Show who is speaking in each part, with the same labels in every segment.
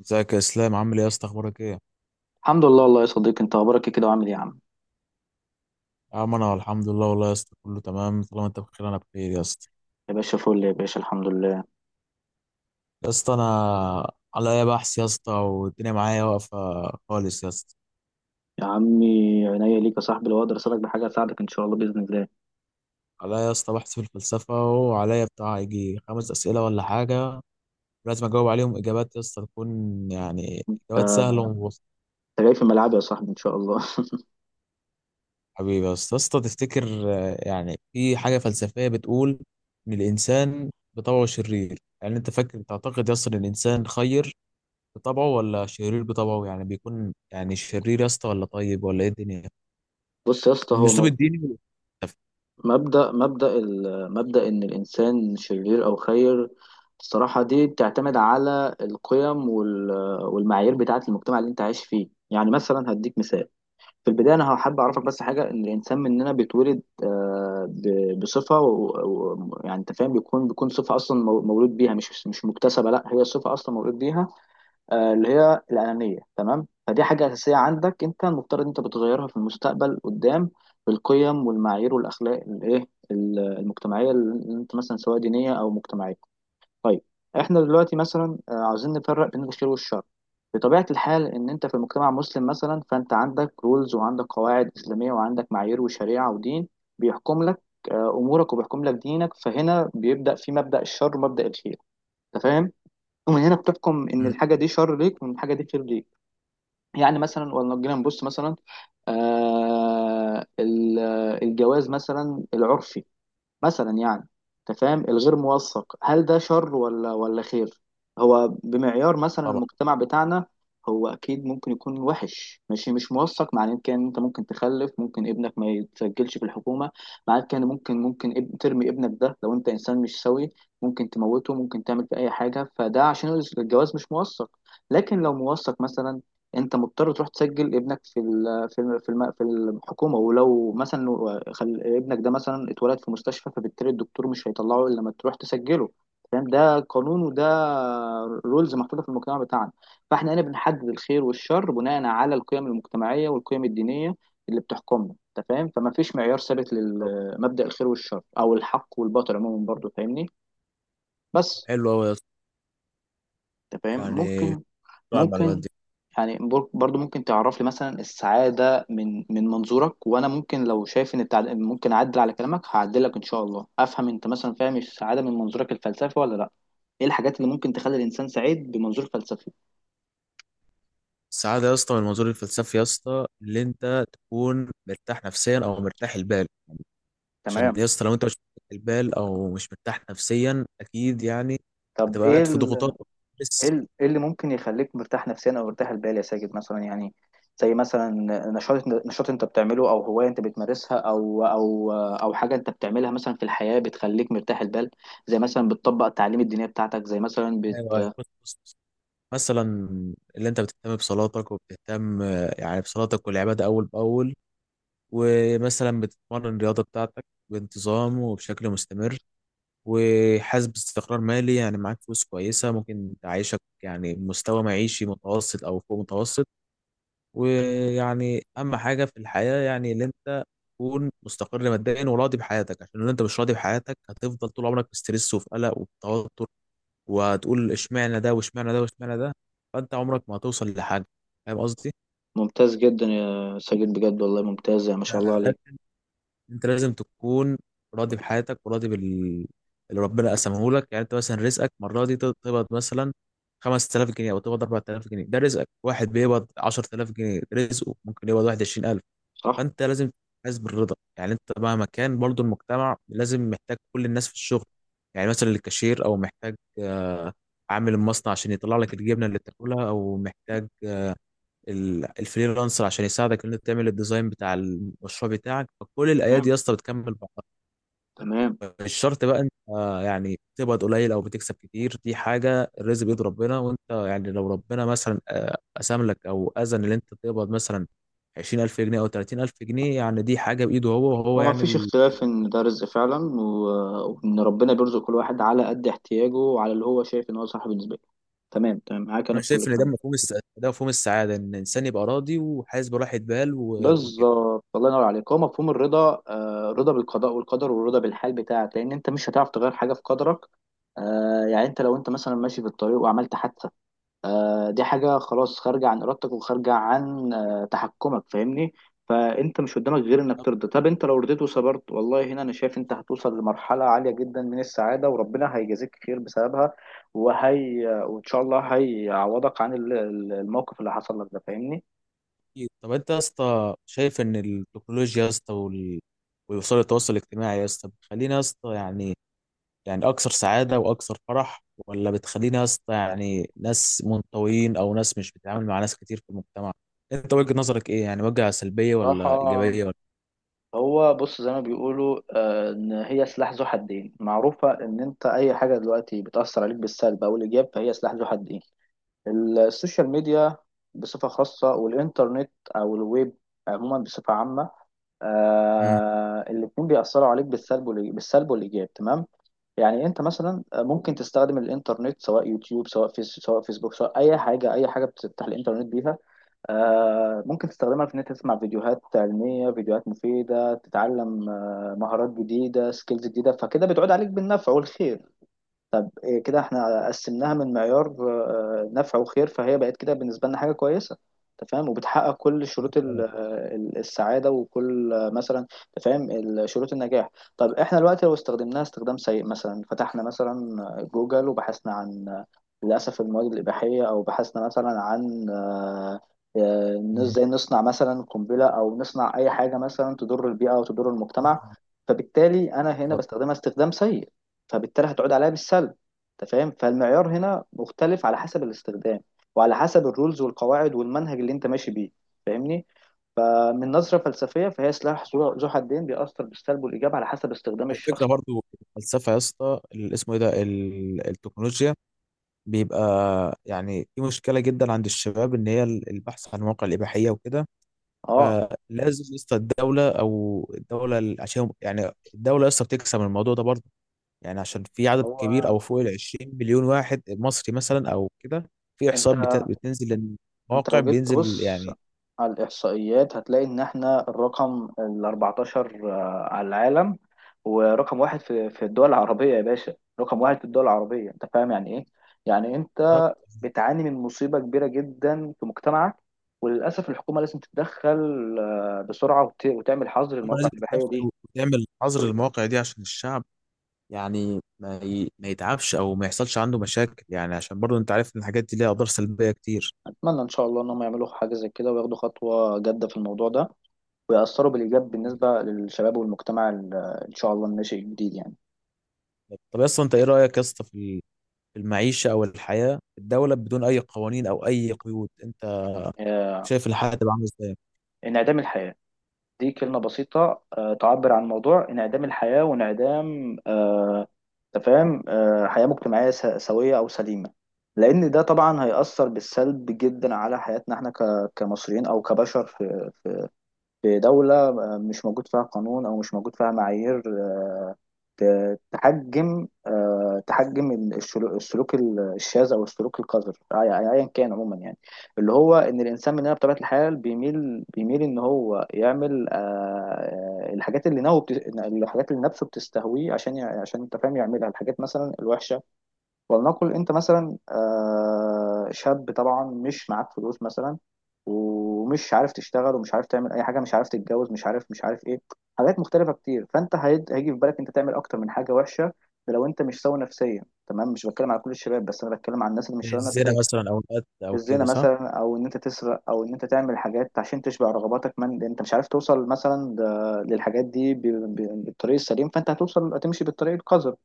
Speaker 1: ازيك يا اسلام؟ عامل ايه يا اسطى؟ اخبارك ايه يا
Speaker 2: الحمد لله والله يا صديقي، انت اخبارك ايه كده وعامل ايه يا عم؟
Speaker 1: عم؟ انا الحمد لله والله يا اسطى، كله تمام. طالما انت بخير انا بخير يا اسطى.
Speaker 2: يا باشا فل، يا باشا الحمد لله.
Speaker 1: يا اسطى انا عليا بحث يا اسطى، والدنيا معايا واقفه خالص يا اسطى.
Speaker 2: يا عمي عينيا ليك يا صاحبي، لو اقدر اساعدك بحاجه اساعدك ان شاء الله باذن الله.
Speaker 1: عليا يا اسطى بحث في الفلسفه، وعليا بتاع يجي خمس اسئله ولا حاجه، لازم اجاوب عليهم اجابات يا اسطى تكون يعني اجابات سهله ومبسطه.
Speaker 2: انت جاي في ملعبي يا صاحبي ان شاء الله.
Speaker 1: حبيبي يا اسطى، يا اسطى تفتكر؟ يعني في حاجه فلسفيه بتقول ان الانسان بطبعه شرير. يعني انت فاكر تعتقد يا اسطى ان الانسان خير بطبعه ولا شرير بطبعه؟ يعني بيكون يعني شرير يا اسطى ولا طيب ولا ايه الدنيا؟
Speaker 2: بص يا اسطى،
Speaker 1: من
Speaker 2: هو
Speaker 1: اسلوب الديني والفلسفي.
Speaker 2: مبدا ان الانسان شرير او خير، الصراحه دي بتعتمد على القيم والمعايير بتاعه المجتمع اللي انت عايش فيه. يعني مثلا هديك مثال. في البداية أنا حابب أعرفك بس حاجة، إن الإنسان مننا بيتولد، بصفة يعني أنت فاهم، بيكون صفة أصلا مولود بيها، مش مكتسبة. لا، هي صفة أصلا مولود بيها، اللي هي الأنانية، تمام؟ فدي حاجة أساسية عندك. أنت المفترض أنت بتغيرها في المستقبل قدام بالقيم والمعايير والأخلاق الإيه، المجتمعية، اللي أنت مثلا سواء دينية أو مجتمعية. طيب، احنا دلوقتي مثلا عاوزين نفرق بين الخير والشر. بطبيعة الحال ان انت في مجتمع مسلم مثلا، فانت عندك رولز وعندك قواعد اسلامية وعندك معايير وشريعة ودين بيحكم لك امورك، وبيحكم لك دينك. فهنا بيبدأ في مبدأ الشر ومبدأ الخير، انت فاهم؟ ومن هنا بتحكم ان
Speaker 1: مم.
Speaker 2: الحاجة دي شر ليك وان الحاجة دي خير ليك. يعني مثلا، ولو جينا نبص مثلا آه، ال- الجواز مثلا العرفي، مثلا يعني، انت فاهم، الغير موثق، هل ده شر ولا خير؟ هو بمعيار مثلا
Speaker 1: طبعا.
Speaker 2: المجتمع بتاعنا هو اكيد ممكن يكون وحش. ماشي، مش موثق معناه كان انت ممكن تخلف، ممكن ابنك ما يتسجلش في الحكومه، معناه كان ممكن ترمي ابنك ده لو انت انسان مش سوي، ممكن تموته، ممكن تعمل فيه اي حاجه، فده عشان الجواز مش موثق. لكن لو موثق مثلا، انت مضطر تروح تسجل ابنك في ال في ال في, الم في الحكومه. ولو مثلا خل ابنك ده مثلا اتولد في مستشفى، فبالتالي الدكتور مش هيطلعه الا لما تروح تسجله. فاهم؟ ده قانون وده رولز محطوطه في المجتمع بتاعنا. فاحنا هنا بنحدد الخير والشر بناء على القيم المجتمعيه والقيم الدينيه اللي بتحكمنا، انت فاهم؟ فما فيش معيار ثابت لمبدأ الخير والشر او الحق والباطل عموما، برضو فاهمني؟ بس.
Speaker 1: حلو قوي يا اسطى.
Speaker 2: انت فاهم؟
Speaker 1: يعني
Speaker 2: ممكن،
Speaker 1: طبعا المعلومات
Speaker 2: ممكن
Speaker 1: دي.
Speaker 2: يعني برضو ممكن تعرف لي مثلا السعادة من من منظورك، وانا ممكن لو شايف ان ممكن اعدل على كلامك هعدلك ان شاء الله. افهم انت مثلا فاهم السعادة من منظورك الفلسفي ولا لا؟ ايه الحاجات اللي ممكن تخلي الانسان سعيد بمنظور فلسفي؟
Speaker 1: السعاده يا اسطى من المنظور الفلسفي يا اسطى، اللي انت تكون مرتاح نفسيا او مرتاح البال. عشان
Speaker 2: تمام.
Speaker 1: يا اسطى لو انت مش مرتاح البال او مش مرتاح نفسيا، اكيد يعني
Speaker 2: طب
Speaker 1: هتبقى
Speaker 2: ايه
Speaker 1: قاعد في ضغوطات
Speaker 2: ايه
Speaker 1: بس.
Speaker 2: إيه اللي ممكن يخليك مرتاح نفسيا او مرتاح البال يا ساجد؟ مثلا يعني زي مثلا نشاط انت بتعمله، او هوايه انت بتمارسها، او او حاجه انت بتعملها مثلا في الحياه بتخليك مرتاح البال. زي مثلا بتطبق التعليم الدينيه بتاعتك، زي مثلا
Speaker 1: ايوه أيوة. بص بص بص. مثلا، اللي انت بتهتم بصلاتك وبتهتم يعني بصلاتك والعباده اول باول. ومثلا بتتمرن الرياضة بتاعتك بانتظام وبشكل مستمر، وحاسس باستقرار مالي، يعني معاك فلوس كويسة ممكن تعيشك يعني مستوى معيشي متوسط أو فوق متوسط. ويعني أهم حاجة في الحياة يعني اللي أنت تكون مستقر ماديا وراضي بحياتك. عشان لو أنت مش راضي بحياتك هتفضل طول عمرك في ستريس وفي قلق وفي توتر، وهتقول اشمعنى ده واشمعنى ده واشمعنى ده، فأنت عمرك ما هتوصل لحاجة. فاهم
Speaker 2: ممتاز جدا يا ساجد، بجد والله ممتاز، ما شاء الله عليك.
Speaker 1: قصدي؟ انت لازم تكون راضي بحياتك وراضي بال اللي ربنا قسمه لك. يعني انت مثلا رزقك المره دي تقبض مثلا 5000 جنيه او تقبض 4000 جنيه، ده رزقك. واحد بيقبض 10000 جنيه رزقه، ممكن يقبض 21000.
Speaker 2: صح.
Speaker 1: فانت لازم تحس بالرضا. يعني انت مهما كان، برضو المجتمع لازم محتاج كل الناس في الشغل. يعني مثلا الكاشير، او محتاج عامل المصنع عشان يطلع لك الجبنه اللي تاكلها، او محتاج الفريلانسر عشان يساعدك ان انت تعمل الديزاين بتاع المشروع بتاعك. فكل الايادي
Speaker 2: تمام.
Speaker 1: يا اسطى بتكمل بعض.
Speaker 2: تمام.
Speaker 1: مش شرط بقى انت يعني تقبض قليل او بتكسب كتير. دي حاجه الرزق بيد ربنا. وانت يعني لو ربنا مثلا قسم لك او اذن ان انت تقبض مثلا 20000 جنيه او 30000 جنيه، يعني دي حاجه بايده هو، وهو
Speaker 2: هو ما
Speaker 1: يعني
Speaker 2: فيش
Speaker 1: ال...
Speaker 2: اختلاف ان ده رزق فعلا، وان ربنا بيرزق كل واحد على قد احتياجه وعلى اللي هو شايف ان هو صح بالنسبه له. تمام، تمام، معاك انا
Speaker 1: انا
Speaker 2: في كل
Speaker 1: شايف ان ده
Speaker 2: الكلام.
Speaker 1: مفهوم ده مفهوم السعاده. ان الانسان يبقى راضي وحاسس براحه بال وكده.
Speaker 2: بالظبط، الله ينور عليك. هو مفهوم الرضا، الرضا بالقضاء والقدر، والرضا بالحال بتاعك، لان انت مش هتعرف تغير حاجه في قدرك. يعني انت لو انت مثلا ماشي في الطريق وعملت حادثه، دي حاجه خلاص خارجه عن ارادتك وخارجه عن تحكمك، فاهمني؟ فانت مش قدامك غير انك ترضى. طب انت لو رضيت وصبرت، والله هنا انا شايف انت هتوصل لمرحله عاليه جدا من السعاده، وربنا هيجازيك خير بسببها، وهي وان شاء الله هيعوضك عن الموقف اللي حصل لك ده، فاهمني؟
Speaker 1: أكيد. طب انت يا اسطى شايف ان التكنولوجيا يا اسطى ووسائل التواصل الاجتماعي يا اسطى بتخلينا يا اسطى يعني اكثر سعاده واكثر فرح، ولا بتخلينا يا اسطى يعني ناس منطويين او ناس مش بتتعامل مع ناس كتير في المجتمع؟ انت وجهه نظرك ايه؟ يعني وجهه سلبيه
Speaker 2: صراحه
Speaker 1: ولا ايجابيه ولا؟
Speaker 2: هو بص، زي ما بيقولوا ان هي سلاح ذو حدين. معروفه ان انت اي حاجه دلوقتي بتاثر عليك بالسلب او الايجاب، فهي سلاح ذو حدين. السوشيال ميديا بصفه خاصه، والانترنت او الويب عموما بصفه عامه،
Speaker 1: مم.
Speaker 2: آه الاتنين بيأثروا عليك بالسلب والإيجاب، تمام. يعني أنت مثلا ممكن تستخدم الإنترنت، سواء يوتيوب سواء فيس سواء فيسبوك، سواء أي حاجة، أي حاجة بتفتح الإنترنت بيها، ممكن تستخدمها في إن أنت تسمع فيديوهات علمية، فيديوهات مفيدة، تتعلم مهارات جديدة، سكيلز جديدة، فكده بتعود عليك بالنفع والخير. إيه كده احنا قسمناها من معيار نفع وخير، فهي بقت كده بالنسبة لنا حاجة كويسة، انت فاهم، وبتحقق كل شروط السعادة، وكل مثلا انت فاهم شروط النجاح. طب احنا دلوقتي لو استخدمناها استخدام سيء، مثلا فتحنا مثلا جوجل وبحثنا عن للأسف المواد الإباحية، أو بحثنا مثلا عن إن
Speaker 1: مم.
Speaker 2: ازاي نصنع مثلا قنبلة، أو نصنع أي حاجة مثلا تضر البيئة أو تضر المجتمع، فبالتالي أنا هنا بستخدمها استخدام سيء، فبالتالي هتعود عليا بالسلب. انت فاهم؟ فالمعيار هنا مختلف على حسب الاستخدام، وعلى حسب الرولز والقواعد والمنهج اللي انت ماشي بيه، فاهمني؟ فمن نظرة فلسفية فهي سلاح ذو حدين، بيأثر بالسلب والإيجاب على حسب استخدام
Speaker 1: على فكرة
Speaker 2: الشخص.
Speaker 1: برضو الفلسفة يا اسطى، اسمه ايه ده، التكنولوجيا، بيبقى يعني في مشكلة جدا عند الشباب ان هي البحث عن مواقع الإباحية وكده.
Speaker 2: اه.
Speaker 1: فلازم يا اسطى الدولة عشان يعني الدولة يا اسطى بتكسب من الموضوع ده برضه. يعني عشان في عدد كبير
Speaker 2: هو
Speaker 1: أو فوق ال 20 مليون واحد مصري مثلا أو كده، في
Speaker 2: انت
Speaker 1: إحصاءات بتنزل
Speaker 2: انت
Speaker 1: للمواقع
Speaker 2: لو جيت
Speaker 1: بينزل
Speaker 2: تبص
Speaker 1: يعني.
Speaker 2: على الإحصائيات هتلاقي إن إحنا الرقم ال 14 على العالم، ورقم واحد في الدول العربية يا باشا. رقم واحد في الدول العربية، أنت فاهم يعني إيه؟ يعني
Speaker 1: هم
Speaker 2: أنت بتعاني من مصيبة كبيرة جدا في مجتمعك، وللأسف الحكومة لازم تتدخل بسرعة، وتعمل حظر للمواقع
Speaker 1: لازم
Speaker 2: الإباحية دي.
Speaker 1: تتدخل وتعمل حظر المواقع دي عشان الشعب يعني ما يتعبش أو ما يحصلش عنده مشاكل. يعني عشان برضه أنت عارف إن الحاجات دي ليها أضرار سلبية كتير.
Speaker 2: أتمنى إن شاء الله إن هم يعملوا حاجة زي كده، وياخدوا خطوة جادة في الموضوع ده، ويأثروا بالإيجاب بالنسبة للشباب والمجتمع إن شاء الله الناشئ الجديد يعني.
Speaker 1: طب اصلا انت ايه رايك يا اسطى في المعيشه او الحياه في الدوله بدون اي قوانين او اي قيود؟
Speaker 2: آه،
Speaker 1: شايف الحلقه تبقى عامله ازاي؟
Speaker 2: انعدام الحياة، دي كلمة بسيطة تعبر عن موضوع انعدام الحياة، وانعدام أنت فاهم حياة مجتمعية سوية أو سليمة، لأن ده طبعا هيأثر بالسلب جدا على حياتنا احنا كمصريين أو كبشر في في دولة مش موجود فيها قانون، أو مش موجود فيها معايير تحجم تحجم السلوك الشاذ، أو السلوك القذر، أيا كان عموما يعني. اللي هو إن الإنسان مننا بطبيعة الحال بيميل إن هو يعمل الحاجات الحاجات اللي نفسه بتستهويه، عشان عشان أنت فاهم يعملها، الحاجات مثلا الوحشة. ولنقل انت مثلا شاب، طبعا مش معاك فلوس مثلا، ومش عارف تشتغل، ومش عارف تعمل اي حاجه، مش عارف تتجوز، مش عارف ايه، حاجات مختلفه كتير. فانت هيجي في بالك انت تعمل اكتر من حاجه وحشه، ده لو انت مش سوي نفسيا. تمام، مش بتكلم على كل الشباب، بس انا بتكلم على الناس اللي مش سوي
Speaker 1: الزنا
Speaker 2: نفسيا.
Speaker 1: مثلا او القتل او
Speaker 2: الزنا
Speaker 1: كده، صح.
Speaker 2: مثلا، او ان انت تسرق، او ان انت تعمل حاجات عشان تشبع رغباتك، من لأن انت مش عارف توصل مثلا للحاجات دي بالطريق السليم، فانت هتوصل هتمشي بالطريق القذر.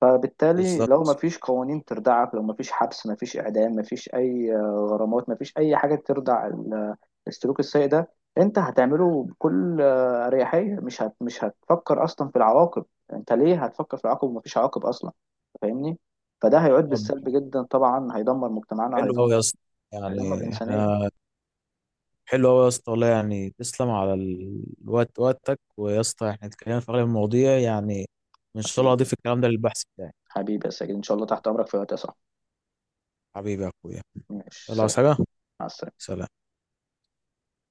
Speaker 2: فبالتالي لو ما
Speaker 1: بالظبط.
Speaker 2: فيش قوانين تردعك، لو ما فيش حبس، ما فيش اعدام، ما فيش اي غرامات، ما فيش اي حاجه تردع السلوك السيء ده، انت هتعمله بكل اريحيه، مش هتفكر اصلا في العواقب. انت ليه هتفكر في العواقب وما فيش عواقب اصلا، فاهمني؟ فده هيعود
Speaker 1: طب
Speaker 2: بالسلب جدا، طبعا هيدمر مجتمعنا،
Speaker 1: حلو قوي يا
Speaker 2: هيدمر،
Speaker 1: اسطى،
Speaker 2: هيدمر
Speaker 1: يعني
Speaker 2: الانسانيه.
Speaker 1: احنا، حلو قوي يا اسطى والله. يعني تسلم على الوقت، وقتك. ويا اسطى احنا اتكلمنا في اغلب المواضيع، يعني ان شاء الله
Speaker 2: حبيبي،
Speaker 1: اضيف الكلام ده للبحث بتاعي.
Speaker 2: حبيبي يا ساجد ان شاء الله تحت امرك في وقت يا صاحبي.
Speaker 1: حبيبي يا اخويا.
Speaker 2: ماشي
Speaker 1: يلا،
Speaker 2: سلام.
Speaker 1: عايز حاجه؟
Speaker 2: مع السلامه.
Speaker 1: سلام.